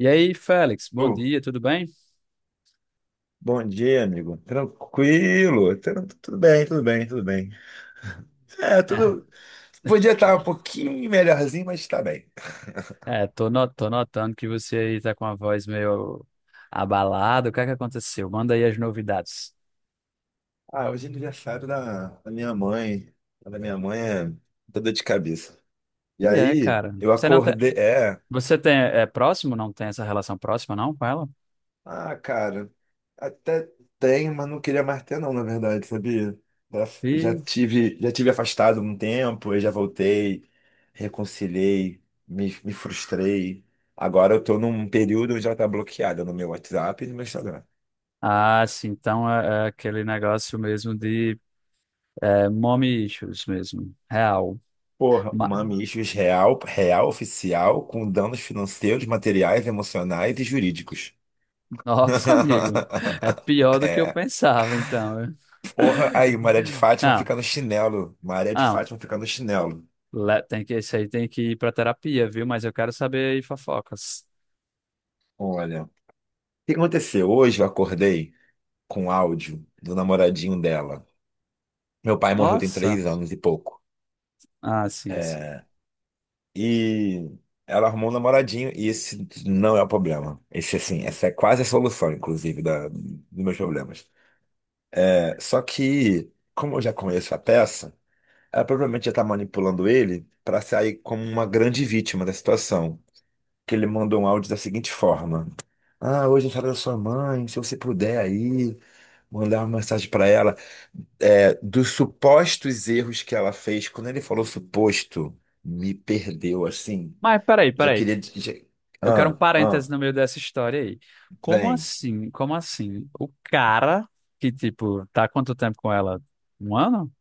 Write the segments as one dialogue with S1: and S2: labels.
S1: E aí, Félix, bom
S2: Ô,
S1: dia, tudo bem?
S2: bom dia, amigo. Tranquilo? Tudo bem, tudo bem, tudo bem. É, tudo. Podia estar um pouquinho melhorzinho, mas tá bem.
S1: É, tô, no- tô notando que você aí tá com a voz meio abalada. O que é que aconteceu? Manda aí as novidades.
S2: Ah, hoje é aniversário da minha mãe. A da minha mãe é toda de cabeça. E
S1: É,
S2: aí,
S1: cara.
S2: eu
S1: Você não tem,
S2: acordei. É.
S1: você tem é próximo? Não tem essa relação próxima não com ela?
S2: Ah, cara, até tem, mas não queria mais ter não, na verdade, sabia? Já,
S1: E
S2: já tive afastado um tempo, aí já voltei, reconciliei, me frustrei. Agora eu tô num período onde ela tá bloqueada no meu WhatsApp e no meu Instagram.
S1: ah, sim. Então é aquele negócio mesmo de mommy issues mesmo, real.
S2: Porra,
S1: Ma-
S2: Mami Issues real, real oficial, com danos financeiros, materiais, emocionais e jurídicos.
S1: Nossa, amigo, é pior do que eu
S2: É,
S1: pensava. Então,
S2: porra, aí, Maria de Fátima
S1: não.
S2: fica no chinelo. Maria de
S1: Não,
S2: Fátima fica no chinelo.
S1: Tem que, esse aí tem que ir pra terapia, viu? Mas eu quero saber aí fofocas.
S2: Olha. O que aconteceu? Hoje eu acordei com um áudio do namoradinho dela. Meu pai morreu tem
S1: Nossa!
S2: 3 anos e pouco.
S1: Ah, sim, sim.
S2: E ela arrumou um namoradinho, e esse não é o problema. Esse, assim, essa é quase a solução, inclusive, da, dos meus problemas. É, só que, como eu já conheço a peça, ela provavelmente já tá manipulando ele para sair como uma grande vítima da situação. Que ele mandou um áudio da seguinte forma: ah, hoje é a da sua mãe, se você puder aí, mandar uma mensagem para ela. É, dos supostos erros que ela fez, quando ele falou suposto, me perdeu assim.
S1: Mas peraí,
S2: Já
S1: peraí.
S2: queria. Já...
S1: Eu quero um
S2: Ah, ah,
S1: parêntese no meio dessa história aí. Como
S2: vem.
S1: assim? Como assim? O cara que, tipo, tá há quanto tempo com ela? Um ano?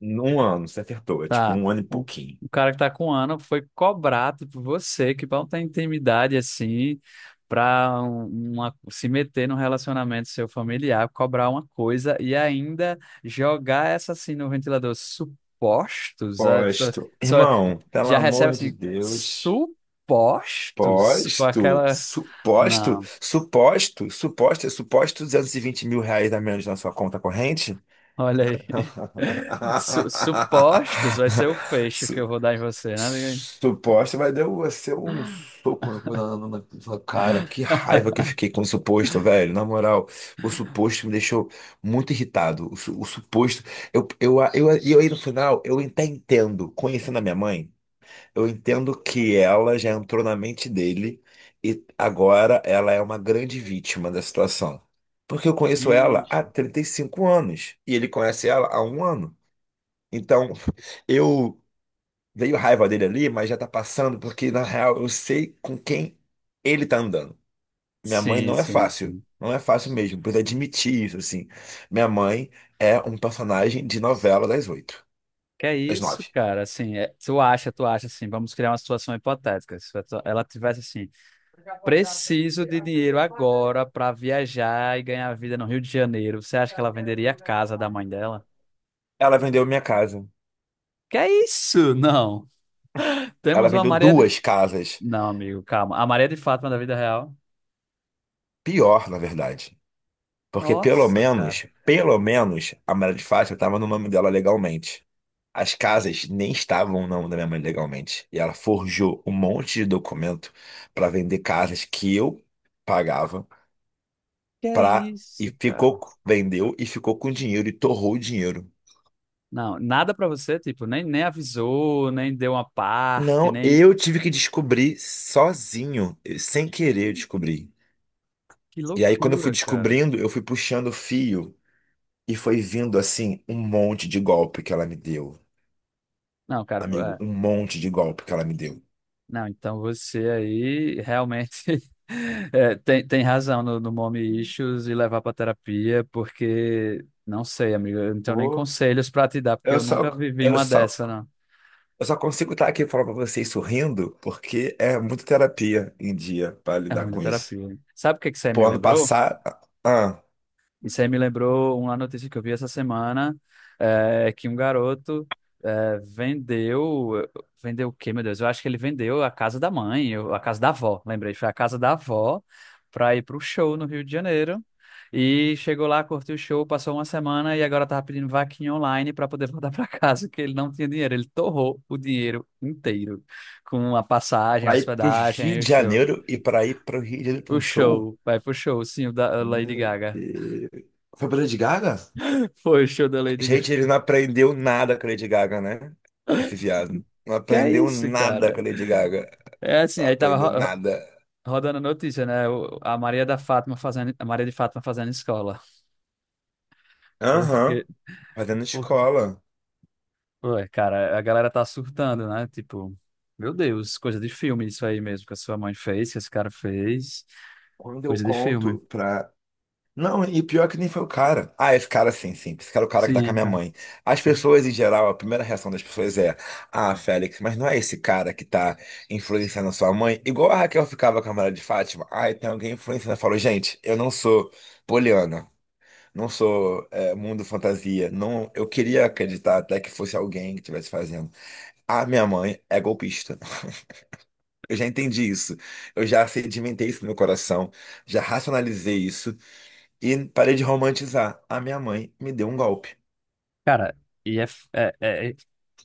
S2: Num ano, você acertou. É tipo
S1: Tá.
S2: um ano e
S1: Um,
S2: pouquinho.
S1: um cara que tá com ano foi cobrar, tipo, você, que não tem intimidade assim, pra uma, se meter num relacionamento seu familiar, cobrar uma coisa e ainda jogar essa assim no ventilador. Supostos? A pessoa
S2: Posto.
S1: só
S2: Irmão, pelo
S1: já recebe
S2: amor de
S1: assim,
S2: Deus.
S1: supostos? Com
S2: Posto,
S1: aquela.
S2: suposto,
S1: Não,
S2: suposto, suposto, é suposto 220 mil reais a menos na sua conta corrente?
S1: olha aí. Supostos vai ser o fecho que eu vou dar em você, né?
S2: Suposto, mas deu você um soco na sua cara. Que raiva que eu fiquei com o suposto, velho. Na moral, o suposto me deixou muito irritado. O, o suposto. Eu aí no final, eu até entendo, conhecendo a minha mãe, eu entendo que ela já entrou na mente dele e agora ela é uma grande vítima da situação. Porque eu conheço ela há
S1: Vixe.
S2: 35 anos e ele conhece ela há um ano. Então, eu. Veio raiva dele ali, mas já tá passando, porque na real eu sei com quem ele tá andando. Minha mãe
S1: Sim,
S2: não é
S1: sim,
S2: fácil.
S1: sim.
S2: Não é fácil mesmo, precisa admitir isso, assim. Minha mãe é um personagem de novela das oito,
S1: Que é
S2: das
S1: isso,
S2: nove.
S1: cara? Assim, tu acha assim, vamos criar uma situação hipotética. Se ela tivesse assim, preciso de dinheiro agora para viajar e ganhar vida no Rio de Janeiro, você acha que ela venderia a casa da mãe dela?
S2: Ela vendeu minha casa.
S1: Que é isso? Não.
S2: Ela
S1: Temos uma
S2: vendeu
S1: Maria de.
S2: duas casas.
S1: Não, amigo, calma. A Maria de Fátima da vida real.
S2: Pior, na verdade. Porque
S1: Nossa, cara.
S2: pelo menos, a Maria de Fátima estava no nome dela legalmente. As casas nem estavam no nome da minha mãe legalmente. E ela forjou um monte de documento para vender casas que eu pagava
S1: Que é
S2: pra... E
S1: isso, cara?
S2: ficou, vendeu e ficou com dinheiro e torrou o dinheiro.
S1: Não, nada pra você, tipo, nem avisou, nem deu uma parte,
S2: Não,
S1: nem.
S2: eu tive que descobrir sozinho, sem querer eu descobri.
S1: Que
S2: E aí, quando eu fui
S1: loucura, cara.
S2: descobrindo, eu fui puxando o fio e foi vindo assim um monte de golpe que ela me deu.
S1: Não, cara,
S2: Amigo, um monte de golpe que ela me deu.
S1: Não, então você aí realmente é, tem razão no, no mommy issues e levar para terapia, porque não sei, amigo, eu não tenho nem
S2: Pô,
S1: conselhos para te dar, porque
S2: Eu
S1: eu
S2: só,
S1: nunca vivi
S2: eu
S1: uma
S2: só,
S1: dessa, não.
S2: eu só consigo estar aqui falando pra vocês sorrindo porque é muita terapia em dia pra
S1: É
S2: lidar
S1: muita
S2: com isso.
S1: terapia. Sabe o que que você
S2: Pô,
S1: me
S2: ano
S1: lembrou?
S2: passado, ah,
S1: Isso aí me lembrou uma notícia que eu vi essa semana, que um garoto vendeu, vendeu o quê, meu Deus? Eu acho que ele vendeu a casa da mãe, ou a casa da avó, lembrei, foi a casa da avó para ir para o show no Rio de Janeiro. E chegou lá, curtiu o show, passou uma semana e agora tava pedindo vaquinha online para poder voltar para casa, que ele não tinha dinheiro. Ele torrou o dinheiro inteiro com a passagem, a
S2: para ir pro Rio
S1: hospedagem, e o
S2: de
S1: show.
S2: Janeiro e pra ir pro Rio de Janeiro pra
S1: O
S2: um show?
S1: show, vai pro show, sim, o da Lady
S2: Meu
S1: Gaga.
S2: Deus. Foi pra Lady Gaga?
S1: Foi o show da Lady
S2: Gente,
S1: Gaga.
S2: ele não aprendeu nada com a Lady Gaga, né? Esse viado. Não
S1: Que é
S2: aprendeu
S1: isso,
S2: nada com
S1: cara?
S2: a Lady Gaga.
S1: É assim,
S2: Não
S1: aí tava
S2: aprendeu nada.
S1: rodando a notícia, né? A Maria da Fátima fazendo, a Maria de Fátima fazendo escola.
S2: Aham,
S1: Porque,
S2: fazendo
S1: por,
S2: escola.
S1: ué, cara, a galera tá surtando, né? Tipo, meu Deus, coisa de filme isso aí mesmo que a sua mãe fez, que esse cara fez.
S2: Quando eu
S1: Coisa de filme.
S2: conto pra. Não, e pior que nem foi o cara. Ah, esse cara sim, sim. Esse cara é o cara que tá
S1: Sim,
S2: com a
S1: é,
S2: minha
S1: cara.
S2: mãe. As pessoas, em geral, a primeira reação das pessoas é: ah, Félix, mas não é esse cara que tá influenciando a sua mãe? Igual a Raquel ficava com a Maria de Fátima. Ah, tem alguém influenciando. Eu falo, gente, eu não sou poliana. Não sou é, mundo fantasia. Não, eu queria acreditar até que fosse alguém que estivesse fazendo. A minha mãe é golpista. Eu já entendi isso. Eu já sedimentei isso no meu coração. Já racionalizei isso. E parei de romantizar. A minha mãe me deu um golpe
S1: Cara, é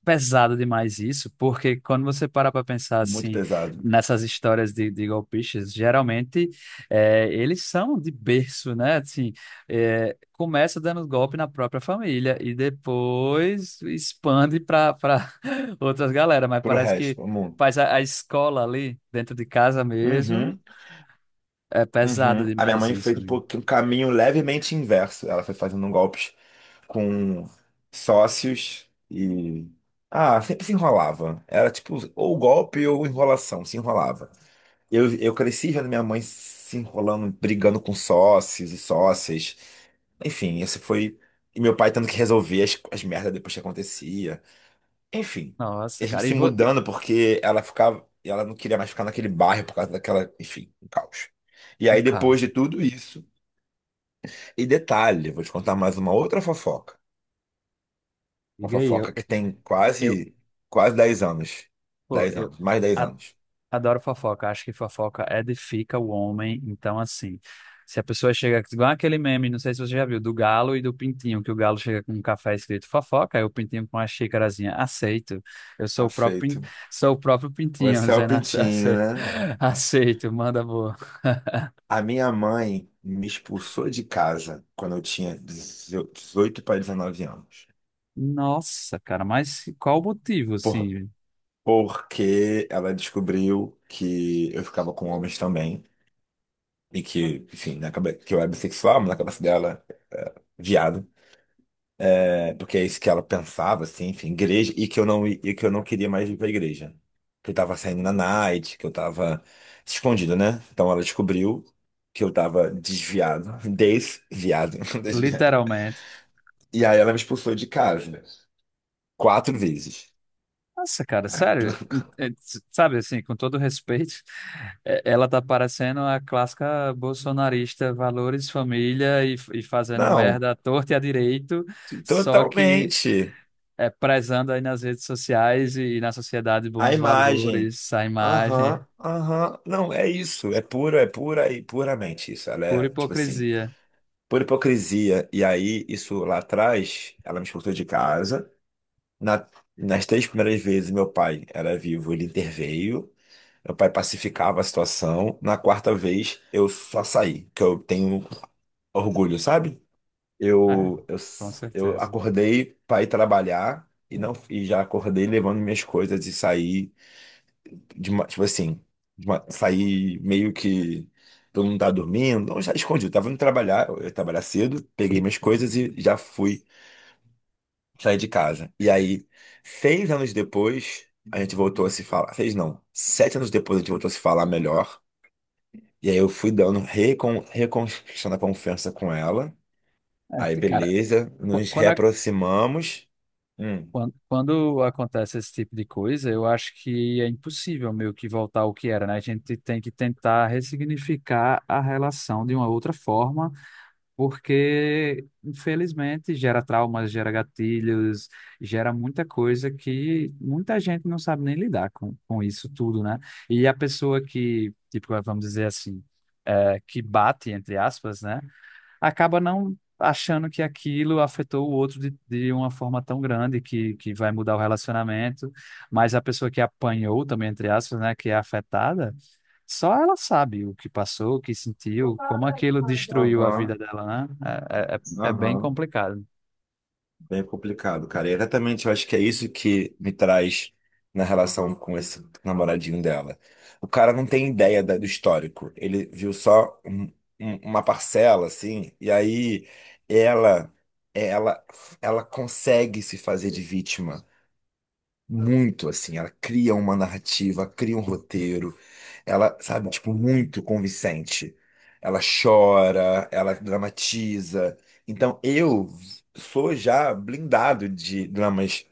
S1: pesado demais isso, porque quando você para para pensar
S2: muito
S1: assim
S2: pesado.
S1: nessas histórias de golpistas, geralmente é, eles são de berço, né? Assim, é, começa dando golpe na própria família e depois expande para outras galera, mas
S2: Pro
S1: parece que
S2: resto, o mundo.
S1: faz a escola ali dentro de casa mesmo.
S2: Uhum,
S1: É pesado
S2: uhum. A minha
S1: demais
S2: mãe
S1: isso,
S2: fez um
S1: amigo.
S2: pouco, um caminho levemente inverso. Ela foi fazendo golpes com sócios e. Ah, sempre se enrolava. Era tipo, ou golpe ou enrolação, se enrolava. Eu cresci vendo minha mãe se enrolando, brigando com sócios e sócias. Enfim, esse foi. E meu pai tendo que resolver as merdas depois que acontecia. Enfim, e
S1: Nossa,
S2: a gente
S1: cara, e
S2: se
S1: vou...
S2: mudando porque ela ficava, ela não queria mais ficar naquele bairro por causa daquela, enfim, um caos. E
S1: um
S2: aí depois de
S1: caso.
S2: tudo isso, e detalhe, vou te contar mais uma outra fofoca. Uma
S1: Diga aí,
S2: fofoca que tem
S1: eu,
S2: quase quase 10 anos.
S1: pô,
S2: dez
S1: eu
S2: anos, mais 10 anos.
S1: Adoro fofoca, acho que fofoca edifica o homem. Então, assim, se a pessoa chega, igual aquele meme, não sei se você já viu, do galo e do pintinho, que o galo chega com um café escrito fofoca, e o pintinho com uma xícarazinha, aceito. Eu sou o
S2: Aceito.
S1: sou o próprio pintinho,
S2: Você é o
S1: dizendo
S2: pintinho, né?
S1: aceito, manda boa.
S2: A minha mãe me expulsou de casa quando eu tinha 18 para 19 anos.
S1: Nossa, cara, mas qual o motivo,
S2: Por,
S1: assim,
S2: porque ela descobriu que eu ficava com homens também. E que, enfim, na cabeça, que eu era bissexual, mas na cabeça dela, viado. É, porque é isso que ela pensava, assim, enfim, igreja, e que eu não, e que eu não queria mais ir pra igreja. Que eu tava saindo na night, que eu tava escondido, né? Então ela descobriu que eu tava desviado, desviado, desviado.
S1: literalmente?
S2: E aí ela me expulsou de casa, quatro vezes.
S1: Nossa, cara, sério, é, sabe assim, com todo respeito, é, ela tá parecendo a clássica bolsonarista, valores, família e, e fazendo
S2: Não,
S1: merda à torta e à direito, só que
S2: totalmente.
S1: é prezando aí nas redes sociais e na sociedade
S2: A
S1: bons
S2: imagem.
S1: valores, a imagem,
S2: Aham, aham. Não, é isso. É pura e puramente isso. Ela
S1: pura
S2: é, tipo assim.
S1: hipocrisia.
S2: Por hipocrisia. E aí, isso lá atrás, ela me expulsou de casa. Na- nas três primeiras vezes, meu pai era vivo, ele interveio. Meu pai pacificava a situação. Na quarta vez, eu só saí, que eu tenho orgulho, sabe?
S1: É,
S2: Eu, eu,
S1: com
S2: eu
S1: certeza.
S2: acordei para ir trabalhar e não e já acordei levando minhas coisas e saí de ma- tipo assim, de ma- saí meio que todo mundo tava dormindo, não, já escondi, eu tava indo trabalhar, eu ia trabalhar cedo, peguei minhas coisas e já fui sair de casa. E aí, 6 anos depois, a gente voltou a se falar, seis não, 7 anos depois a gente voltou a se falar melhor, e aí eu fui dando, reconquistando a confiança com ela,
S1: É,
S2: aí
S1: cara,
S2: beleza,
S1: qu-
S2: nos
S1: quando
S2: reaproximamos, hum.
S1: quando acontece esse tipo de coisa, eu acho que é impossível meio que voltar ao que era, né? A gente tem que tentar ressignificar a relação de uma outra forma, porque, infelizmente, gera traumas, gera gatilhos, gera muita coisa que muita gente não sabe nem lidar com isso tudo, né? E a pessoa que, tipo, vamos dizer assim, é, que bate, entre aspas, né? acaba não achando que aquilo afetou o outro de uma forma tão grande que vai mudar o relacionamento, mas a pessoa que apanhou também, entre aspas, né, que é afetada, só ela sabe o que passou, o que sentiu, como aquilo destruiu a vida
S2: Aham,
S1: dela, né? É bem
S2: aham.
S1: complicado.
S2: Bem complicado, cara. E exatamente, eu acho que é isso que me traz na relação com esse namoradinho dela. O cara não tem ideia do histórico. Ele viu só uma parcela, assim, e aí ela, ela, ela consegue se fazer de vítima. Muito assim, ela cria uma narrativa, cria um roteiro, ela, sabe, tipo, muito convincente. Ela chora, ela dramatiza. Então eu sou já blindado de dramas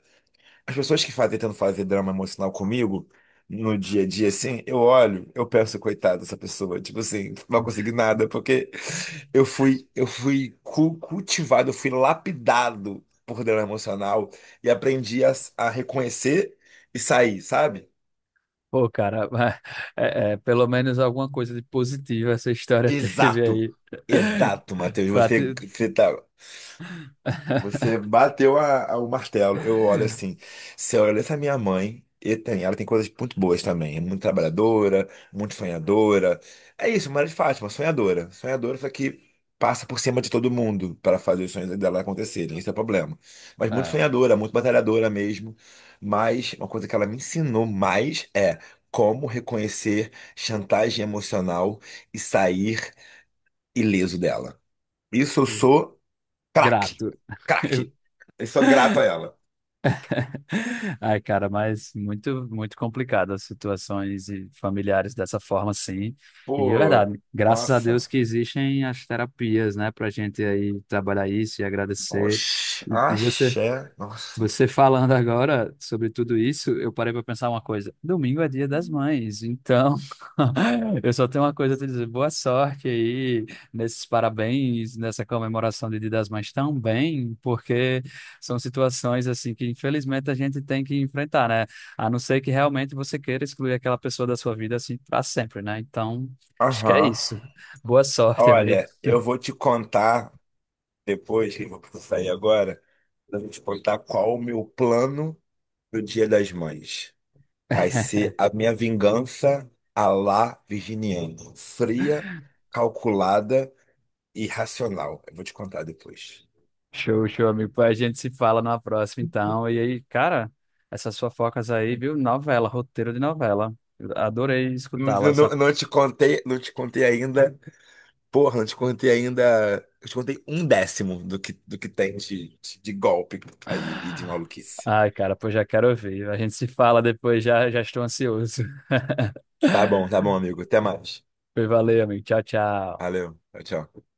S2: as pessoas que fazem, tentam fazer drama emocional comigo no dia a dia, assim, eu olho, eu penso, coitado dessa pessoa, tipo assim, não vai conseguir nada, porque eu fui cultivado, eu fui lapidado por drama emocional e aprendi a reconhecer e sair, sabe?
S1: Pô, cara, mas, pelo menos alguma coisa de positiva essa história teve
S2: Exato.
S1: aí.
S2: Exato, Matheus.
S1: Pra
S2: Você,
S1: te-
S2: você tá. Você bateu o martelo. Eu olho assim, se eu olho essa minha mãe, e tem, ela tem coisas muito boas também. É muito trabalhadora, muito sonhadora. É isso, Maria de Fátima, sonhadora. Sonhadora, só que passa por cima de todo mundo para fazer os sonhos dela acontecerem. Esse é o problema. Mas muito
S1: é,
S2: sonhadora, muito batalhadora mesmo. Mas uma coisa que ela me ensinou mais é como reconhecer chantagem emocional e sair ileso dela. Isso eu sou. Craque,
S1: grato.
S2: craque. Eu sou grato a ela.
S1: Ai, cara, mas muito, muito complicado as situações e familiares dessa forma, sim. E de
S2: Pô,
S1: verdade, graças a Deus
S2: nossa.
S1: que existem as terapias, né, pra gente aí trabalhar isso e agradecer.
S2: Oxi,
S1: E, e você
S2: axé. Nossa.
S1: você falando agora sobre tudo isso, eu parei para pensar uma coisa. Domingo é dia das mães, então eu só tenho uma coisa a te dizer. Boa sorte aí nesses parabéns, nessa comemoração de Dia das Mães também, porque são situações assim que infelizmente a gente tem que enfrentar, né? A não ser que realmente você queira excluir aquela pessoa da sua vida assim para sempre, né? Então, acho que é
S2: Aham.
S1: isso. Boa sorte, amigo.
S2: Olha, eu vou te contar depois, que eu vou sair agora, eu vou te contar qual o meu plano pro Dia das Mães. Vai ser a minha vingança à la virginiana. Fria, calculada e racional. Eu vou te contar depois.
S1: Show, show, amigo. Pô, A gente se fala numa próxima, então. E aí, cara, essas fofocas aí, viu? Novela, roteiro de novela. Eu Adorei
S2: Não,
S1: escutá-las. A-
S2: não, não te contei, não te contei ainda. Porra, não te contei ainda. Eu te contei um décimo do que tem de golpe aí e de maluquice.
S1: Ai, cara, pô, já quero ouvir. A gente se fala depois, já, já estou ansioso.
S2: Tá bom, amigo. Até mais.
S1: Foi, valeu, amigo. Tchau, tchau.
S2: Valeu. Tchau, tchau.